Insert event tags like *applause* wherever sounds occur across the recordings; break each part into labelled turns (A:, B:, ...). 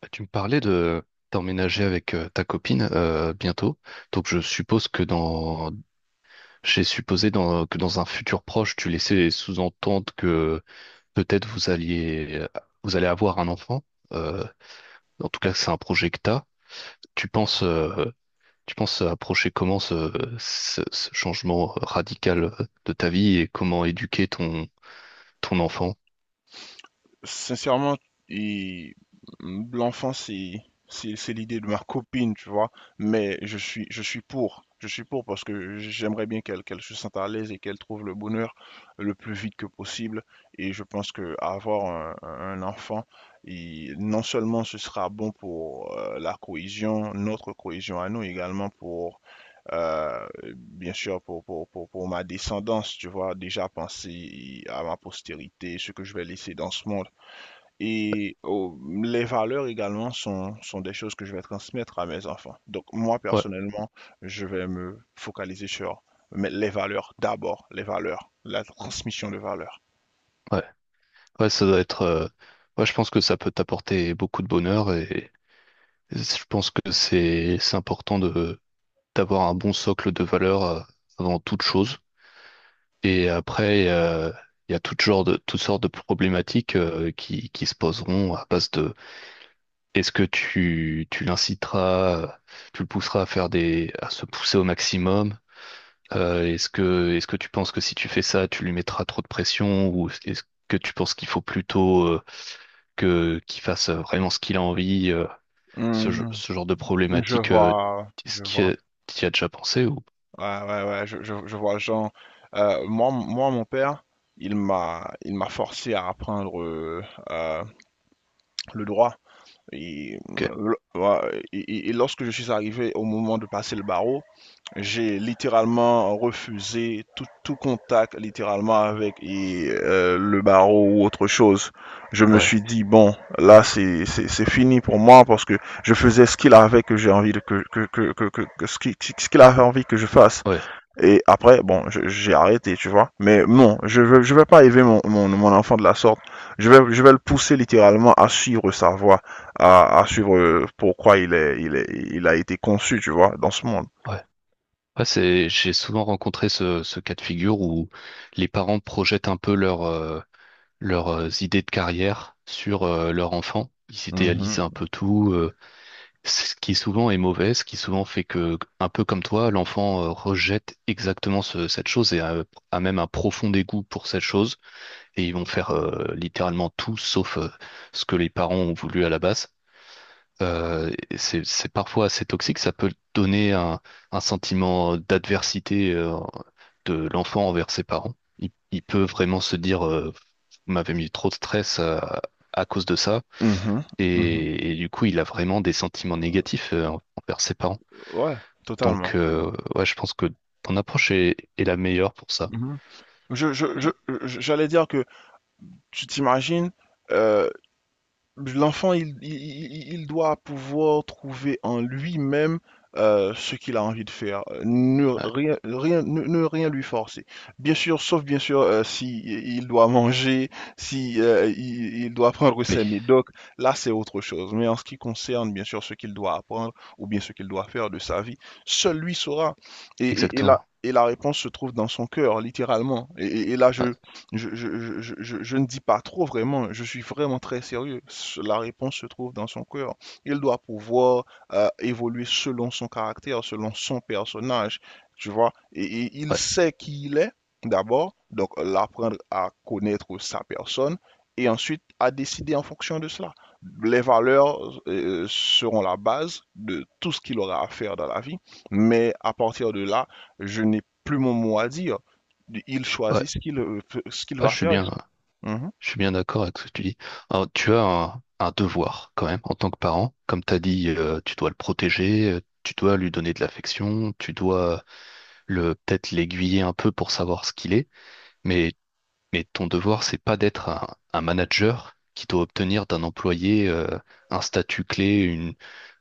A: Tu me parlais de t'emménager avec ta copine bientôt. Donc je suppose que dans J'ai supposé que dans un futur proche, tu laissais sous-entendre que peut-être vous allez avoir un enfant. Euh, En tout cas, c'est un projet que t'as. Tu penses euh, tu penses approcher comment ce changement radical de ta vie et comment éduquer ton enfant?
B: Sincèrement, et l'enfant, c'est l'idée de ma copine, tu vois. Mais je suis pour, je suis pour parce que j'aimerais bien qu'elle se sente à l'aise et qu'elle trouve le bonheur le plus vite que possible. Et je pense que avoir un enfant, non seulement ce sera bon pour la cohésion, notre cohésion à nous également pour euh, bien sûr pour ma descendance, tu vois, déjà penser à ma postérité, ce que je vais laisser dans ce monde. Et les valeurs également sont des choses que je vais transmettre à mes enfants. Donc moi,
A: Ouais,
B: personnellement, je vais me focaliser sur mais les valeurs d'abord, les valeurs, la transmission de valeurs.
A: ouais. Ouais, ça doit être ouais, je pense que ça peut t'apporter beaucoup de bonheur. Je pense que c'est important de d'avoir un bon socle de valeurs avant toute chose. Et après, il y a toutes sortes de problématiques qui se poseront à base de est-ce que tu l'inciteras, tu le pousseras à faire des à se pousser au maximum. Est-ce que tu penses que si tu fais ça, tu lui mettras trop de pression, ou est-ce que tu penses qu'il faut plutôt que qu'il fasse vraiment ce qu'il a envie?
B: Hum,
A: Ce genre de problématique, est-ce
B: je vois.
A: que tu as déjà pensé ou...
B: Ouais, ouais, ouais, je vois Jean. Mon père, il m'a forcé à apprendre euh, le droit. Et,
A: Ok.
B: ouais, et lorsque je suis arrivé au moment de passer le barreau, j'ai littéralement refusé tout, tout contact littéralement avec et, le barreau ou autre chose. Je me
A: Ouais,
B: suis dit, bon, là, c'est fini pour moi parce que je faisais ce qu'il avait que j'ai envie de, ce qu'il avait envie que je fasse.
A: ouais,
B: Et après, bon, j'ai arrêté, tu vois. Mais non, je veux pas élever mon enfant de la sorte. Je vais le pousser littéralement à suivre sa voie, à suivre pourquoi il a été conçu, tu vois, dans ce monde.
A: ouais. Ouais, c'est, j'ai souvent rencontré ce cas de figure où les parents projettent un peu leur, leurs idées de carrière sur leur enfant. Ils
B: Mhm.
A: idéalisent un peu tout, ce qui souvent est mauvais, ce qui souvent fait que, un peu comme toi, l'enfant rejette exactement cette chose et a, a même un profond dégoût pour cette chose. Et ils vont faire littéralement tout sauf ce que les parents ont voulu à la base. Et c'est parfois assez toxique, ça peut donner un sentiment d'adversité de l'enfant envers ses parents. Il peut vraiment se dire, vous m'avez mis trop de stress à cause de ça,
B: Mhm, mhm.
A: et du coup, il a vraiment des sentiments négatifs envers ses parents.
B: Ouais, totalement.
A: Donc, ouais, je pense que ton approche est la meilleure pour ça.
B: Mhm. Je je je je j'allais dire que tu t'imagines, euh, l'enfant, il doit pouvoir trouver en lui-même ce qu'il a envie de faire. Ne
A: Ouais,
B: rien lui forcer. Bien sûr, sauf bien sûr si il doit manger, si il doit prendre
A: oui,
B: ses médocs. Là, c'est autre chose. Mais en ce qui concerne bien sûr ce qu'il doit apprendre ou bien ce qu'il doit faire de sa vie, seul lui saura.
A: exactement.
B: Et la réponse se trouve dans son cœur, littéralement. Et là,
A: Ouais,
B: je ne dis pas trop vraiment, je suis vraiment très sérieux. La réponse se trouve dans son cœur. Il doit pouvoir évoluer selon son caractère, selon son personnage, tu vois. Et il
A: ouais,
B: sait qui il est, d'abord, donc l'apprendre à connaître sa personne, et ensuite à décider en fonction de cela. Les valeurs seront la base de tout ce qu'il aura à faire dans la vie, mais à partir de là, je n'ai plus mon mot à dire. Il
A: ouais.
B: choisit ce qu'il ce qu'il
A: Ouais,
B: va
A: je suis
B: faire.
A: bien.
B: Mhm.
A: Je suis bien d'accord avec ce que tu dis. Alors, tu as un devoir quand même en tant que parent. Comme tu as dit, tu dois le protéger, tu dois lui donner de l'affection, tu dois le peut-être l'aiguiller un peu pour savoir ce qu'il est. Mais, mais ton devoir, c'est pas d'être un manager qui doit obtenir d'un employé un statut clé, une,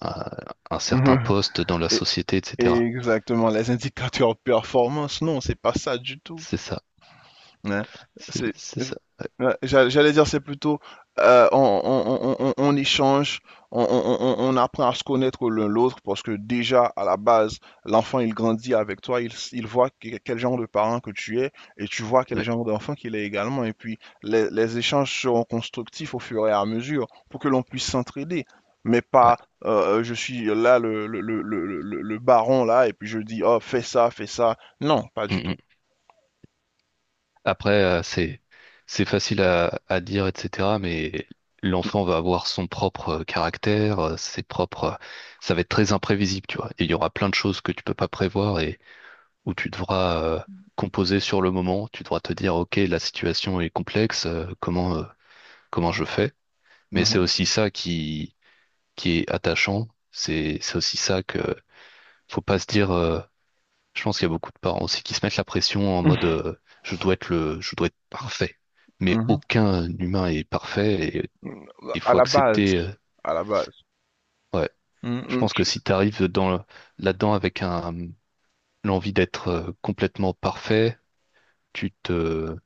A: un, un
B: *laughs*
A: certain
B: Mhm.
A: poste dans la
B: Et-
A: société, etc.
B: Exactement, les indicateurs performance, non, c'est pas ça du tout.
A: C'est ça.
B: Ouais,
A: C'est
B: c'est,
A: c'est ça.
B: ouais, j'allais dire, c'est plutôt euh, on, on échange, on apprend à se connaître l'un l'autre parce que déjà à la base, l'enfant il grandit avec toi, il voit quel genre de parent que tu es et tu vois quel
A: Ouais.
B: genre d'enfant qu'il est également. Et puis les échanges seront constructifs au fur et à mesure pour que l'on puisse s'entraider. Mais
A: Ouais.
B: pas je suis là le baron là et puis je dis oh fais ça, fais ça. Non, pas
A: Mm,
B: du tout.
A: mm. Après, c'est facile à dire, etc. Mais l'enfant va avoir son propre caractère, ses propres. Ça va être très imprévisible, tu vois. Et il y aura plein de choses que tu peux pas prévoir et où tu devras composer sur le moment. Tu devras te dire, ok, la situation est complexe. Comment je fais? Mais c'est
B: Mhm.
A: aussi ça qui est attachant. C'est aussi ça que faut pas se dire. Je pense qu'il y a beaucoup de parents aussi qui se mettent la pression en mode je dois être parfait. Mais
B: Mhm. *laughs*
A: aucun humain est parfait et
B: Mm,
A: il
B: à
A: faut
B: la base,
A: accepter.
B: à la base.
A: Ouais,
B: Mm,
A: je
B: mm,
A: pense que si tu arrives là-dedans avec un l'envie d'être complètement parfait, tu te,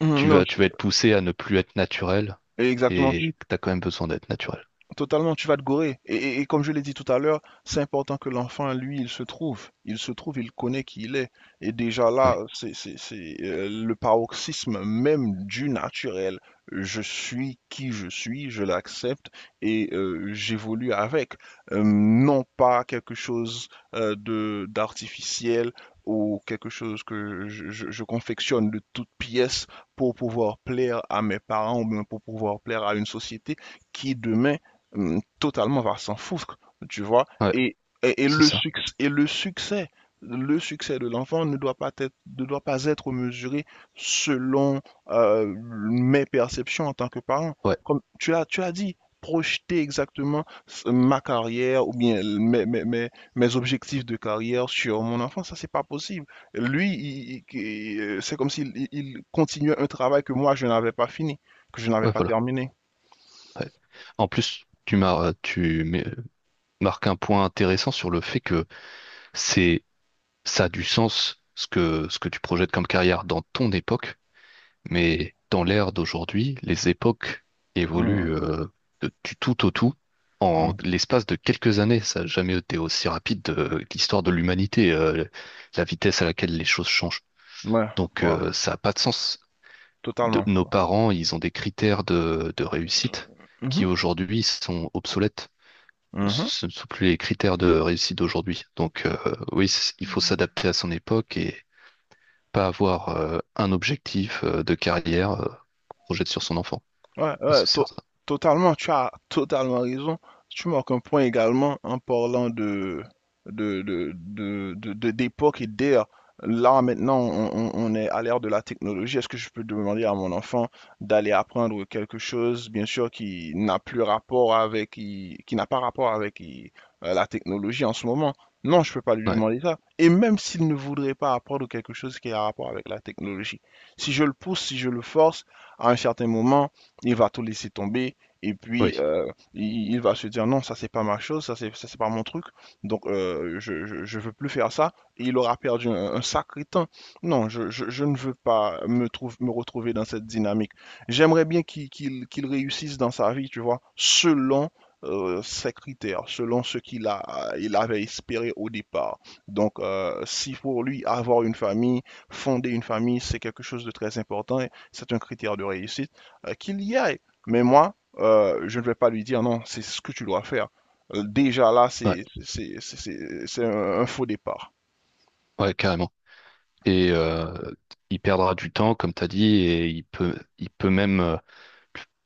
B: non,
A: tu vas être poussé à ne plus être naturel
B: exactement.
A: et tu as quand même besoin d'être naturel.
B: Totalement, tu vas te gourer. Et comme je l'ai dit tout à l'heure, c'est important que l'enfant, lui, il se trouve. Il se trouve, il connaît qui il est. Et déjà là,
A: Ouais,
B: c'est, le paroxysme même du naturel. Je suis qui je suis, je l'accepte et j'évolue avec. Non pas quelque chose de d'artificiel ou quelque chose que je confectionne de toutes pièces pour pouvoir plaire à mes parents ou bien pour pouvoir plaire à une société qui demain totalement va s'en foutre, tu vois.
A: ouais,
B: Et,
A: c'est ça.
B: et le succès de l'enfant ne doit pas être, ne doit pas être mesuré selon euh, mes perceptions en tant que parent.
A: Ouais,
B: Comme tu as dit, projeter exactement ma carrière ou bien mes objectifs de carrière sur mon enfant, ça c'est pas possible. Lui, c'est comme s'il il continuait un travail que moi je n'avais pas fini, que je n'avais
A: ouais,
B: pas
A: voilà.
B: terminé.
A: Ouais. En plus, tu marques un point intéressant sur le fait que c'est ça a du sens ce que tu projettes comme carrière dans ton époque, mais dans l'ère d'aujourd'hui, les époques évoluent
B: Mm,
A: du tout au tout en
B: mm.
A: l'espace de quelques années. Ça n'a jamais été aussi rapide de l'histoire de l'humanité, la vitesse à laquelle les choses changent.
B: Ouais,
A: Donc
B: ouais.
A: ça n'a pas de sens.
B: Totalement,
A: Nos
B: quoi.
A: parents, ils ont des critères de réussite
B: Mmh
A: qui
B: mh.
A: aujourd'hui sont obsolètes.
B: Mmh.
A: Ce ne sont plus les critères de réussite d'aujourd'hui. Donc oui, il faut s'adapter à son époque et pas avoir un objectif de carrière projette sur son enfant.
B: Ouais,
A: Ça,
B: ouais,
A: c'est
B: to-
A: certain.
B: totalement, tu as totalement raison. Tu marques un point également en parlant de, d'époque et d'ère. Là, maintenant, on est à l'ère de la technologie. Est-ce que je peux demander à mon enfant d'aller apprendre quelque chose, bien sûr, qui n'a plus rapport avec, qui n'a pas rapport avec la technologie en ce moment? Non, je peux pas lui
A: Ouais,
B: demander ça. Et même s'il ne voudrait pas apprendre quelque chose qui a rapport avec la technologie. Si je le pousse, si je le force, à un certain moment, il va tout laisser tomber et
A: oui,
B: puis il va se dire non, ça c'est pas ma chose, ça, c'est pas mon truc, donc je veux plus faire ça. Et il aura perdu un sacré temps. Non, je ne veux pas me, trouve, me retrouver dans cette dynamique. J'aimerais bien qu'il réussisse dans sa vie, tu vois, selon ses critères, selon ce qu'il a, il avait espéré au départ. Donc, si pour lui, avoir une famille, fonder une famille, c'est quelque chose de très important, c'est un critère de réussite qu'il y aille. Mais moi, je ne vais pas lui dire non, c'est ce que tu dois faire. Déjà là,
A: ouais,
B: c'est un faux départ,
A: ouais, carrément. Et il perdra du temps, comme tu as dit, et il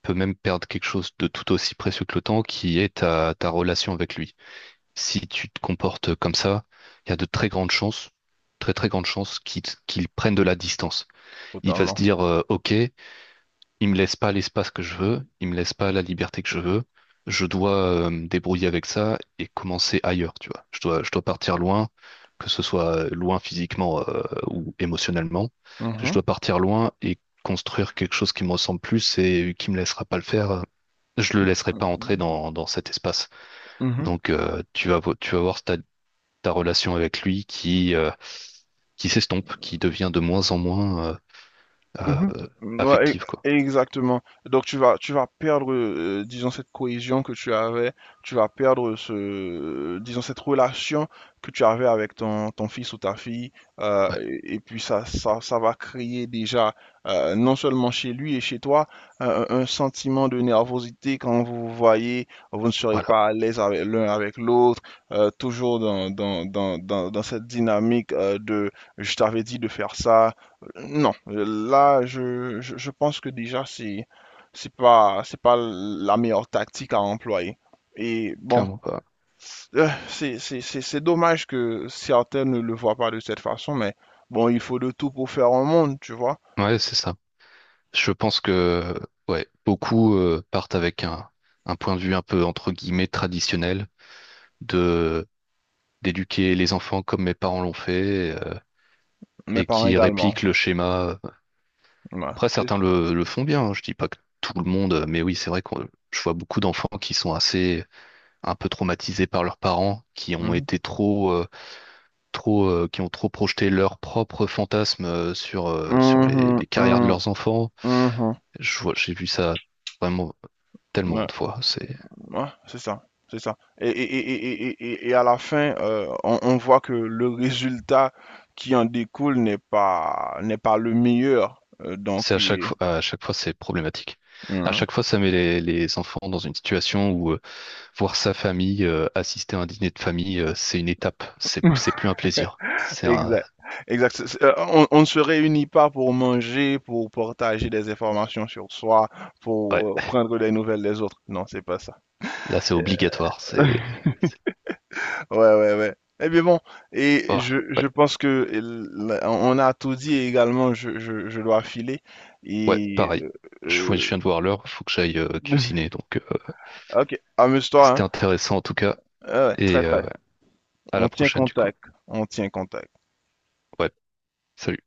A: peut même perdre quelque chose de tout aussi précieux que le temps, qui est ta, ta relation avec lui. Si tu te comportes comme ça, il y a de très grandes chances, très très grandes chances qu'il prenne de la distance. Il va se
B: totalement.
A: dire, OK. Il me laisse pas l'espace que je veux, il me laisse pas la liberté que je veux. Je dois me débrouiller avec ça et commencer ailleurs, tu vois. Je dois partir loin, que ce soit loin physiquement ou émotionnellement. Je
B: Mhm,
A: dois partir loin et construire quelque chose qui me ressemble plus et qui me laissera pas le faire. Je le laisserai pas entrer dans cet espace.
B: mhm.
A: Donc tu vas voir ta, ta relation avec lui qui s'estompe, qui devient de moins en moins euh,
B: Mhm. Ouais,
A: affective, quoi.
B: exactement. Donc tu vas perdre disons cette cohésion que tu avais, tu vas perdre ce disons cette relation que tu avais avec ton fils ou ta fille
A: Ouais,
B: et puis ça va créer déjà non seulement chez lui et chez toi un sentiment de nervosité quand vous vous voyez, vous ne serez
A: voilà,
B: pas à l'aise avec l'un avec l'autre, toujours dans cette dynamique de je t'avais dit de faire ça non, là, je pense que déjà, c'est pas la meilleure tactique à employer. Et bon,
A: clairement.
B: c'est dommage que certains ne le voient pas de cette façon, mais bon, il faut de tout pour faire un monde, tu vois.
A: Ouais, c'est ça. Je pense que ouais, beaucoup partent avec un point de vue un peu entre guillemets traditionnel de d'éduquer les enfants comme mes parents l'ont fait
B: Mes
A: et
B: parents
A: qui
B: également.
A: répliquent le schéma.
B: Ouais,
A: Après,
B: c'est
A: certains
B: ça.
A: le font bien, hein, je dis pas que tout le monde, mais oui, c'est vrai que je vois beaucoup d'enfants qui sont assez un peu traumatisés par leurs parents, qui ont
B: Mhm.
A: été trop qui ont trop projeté leurs propres fantasmes sur sur
B: Mhm,
A: les carrières de
B: mhm,
A: leurs enfants.
B: mhm.
A: J'ai vu ça vraiment tellement
B: Ouais.
A: de fois.
B: Ouais, c'est ça, c'est ça. Et à la fin, on voit que le résultat qui en découle n'est pas, n'est pas le meilleur.
A: C'est
B: Donc, et-
A: à chaque fois, c'est problématique. À
B: Mhm.
A: chaque fois, ça met les enfants dans une situation où voir sa famille, assister à un dîner de famille, c'est une étape. C'est
B: *laughs*
A: plus un plaisir. C'est un,
B: Exact. Exact. On ne se réunit pas pour manger, pour partager des informations sur soi, pour
A: ouais,
B: prendre des nouvelles des autres. Non, c'est pas ça.
A: là, c'est
B: *laughs*
A: obligatoire. C'est-
B: Ouais, ouais, ouais. Eh bien bon, et
A: oh, ouais,
B: je pense que on a tout dit et également je dois filer.
A: ouais,
B: Et
A: pareil. Je
B: euh,
A: viens de voir l'heure. Faut que j'aille
B: *laughs*
A: cuisiner. Donc,
B: ok, amuse-toi, hein.
A: c'était intéressant en tout cas.
B: Ouais, ouais, très
A: Et
B: très.
A: ouais, à
B: On
A: la
B: tient
A: prochaine du coup.
B: contact. On tient contact.
A: Ouais. Salut.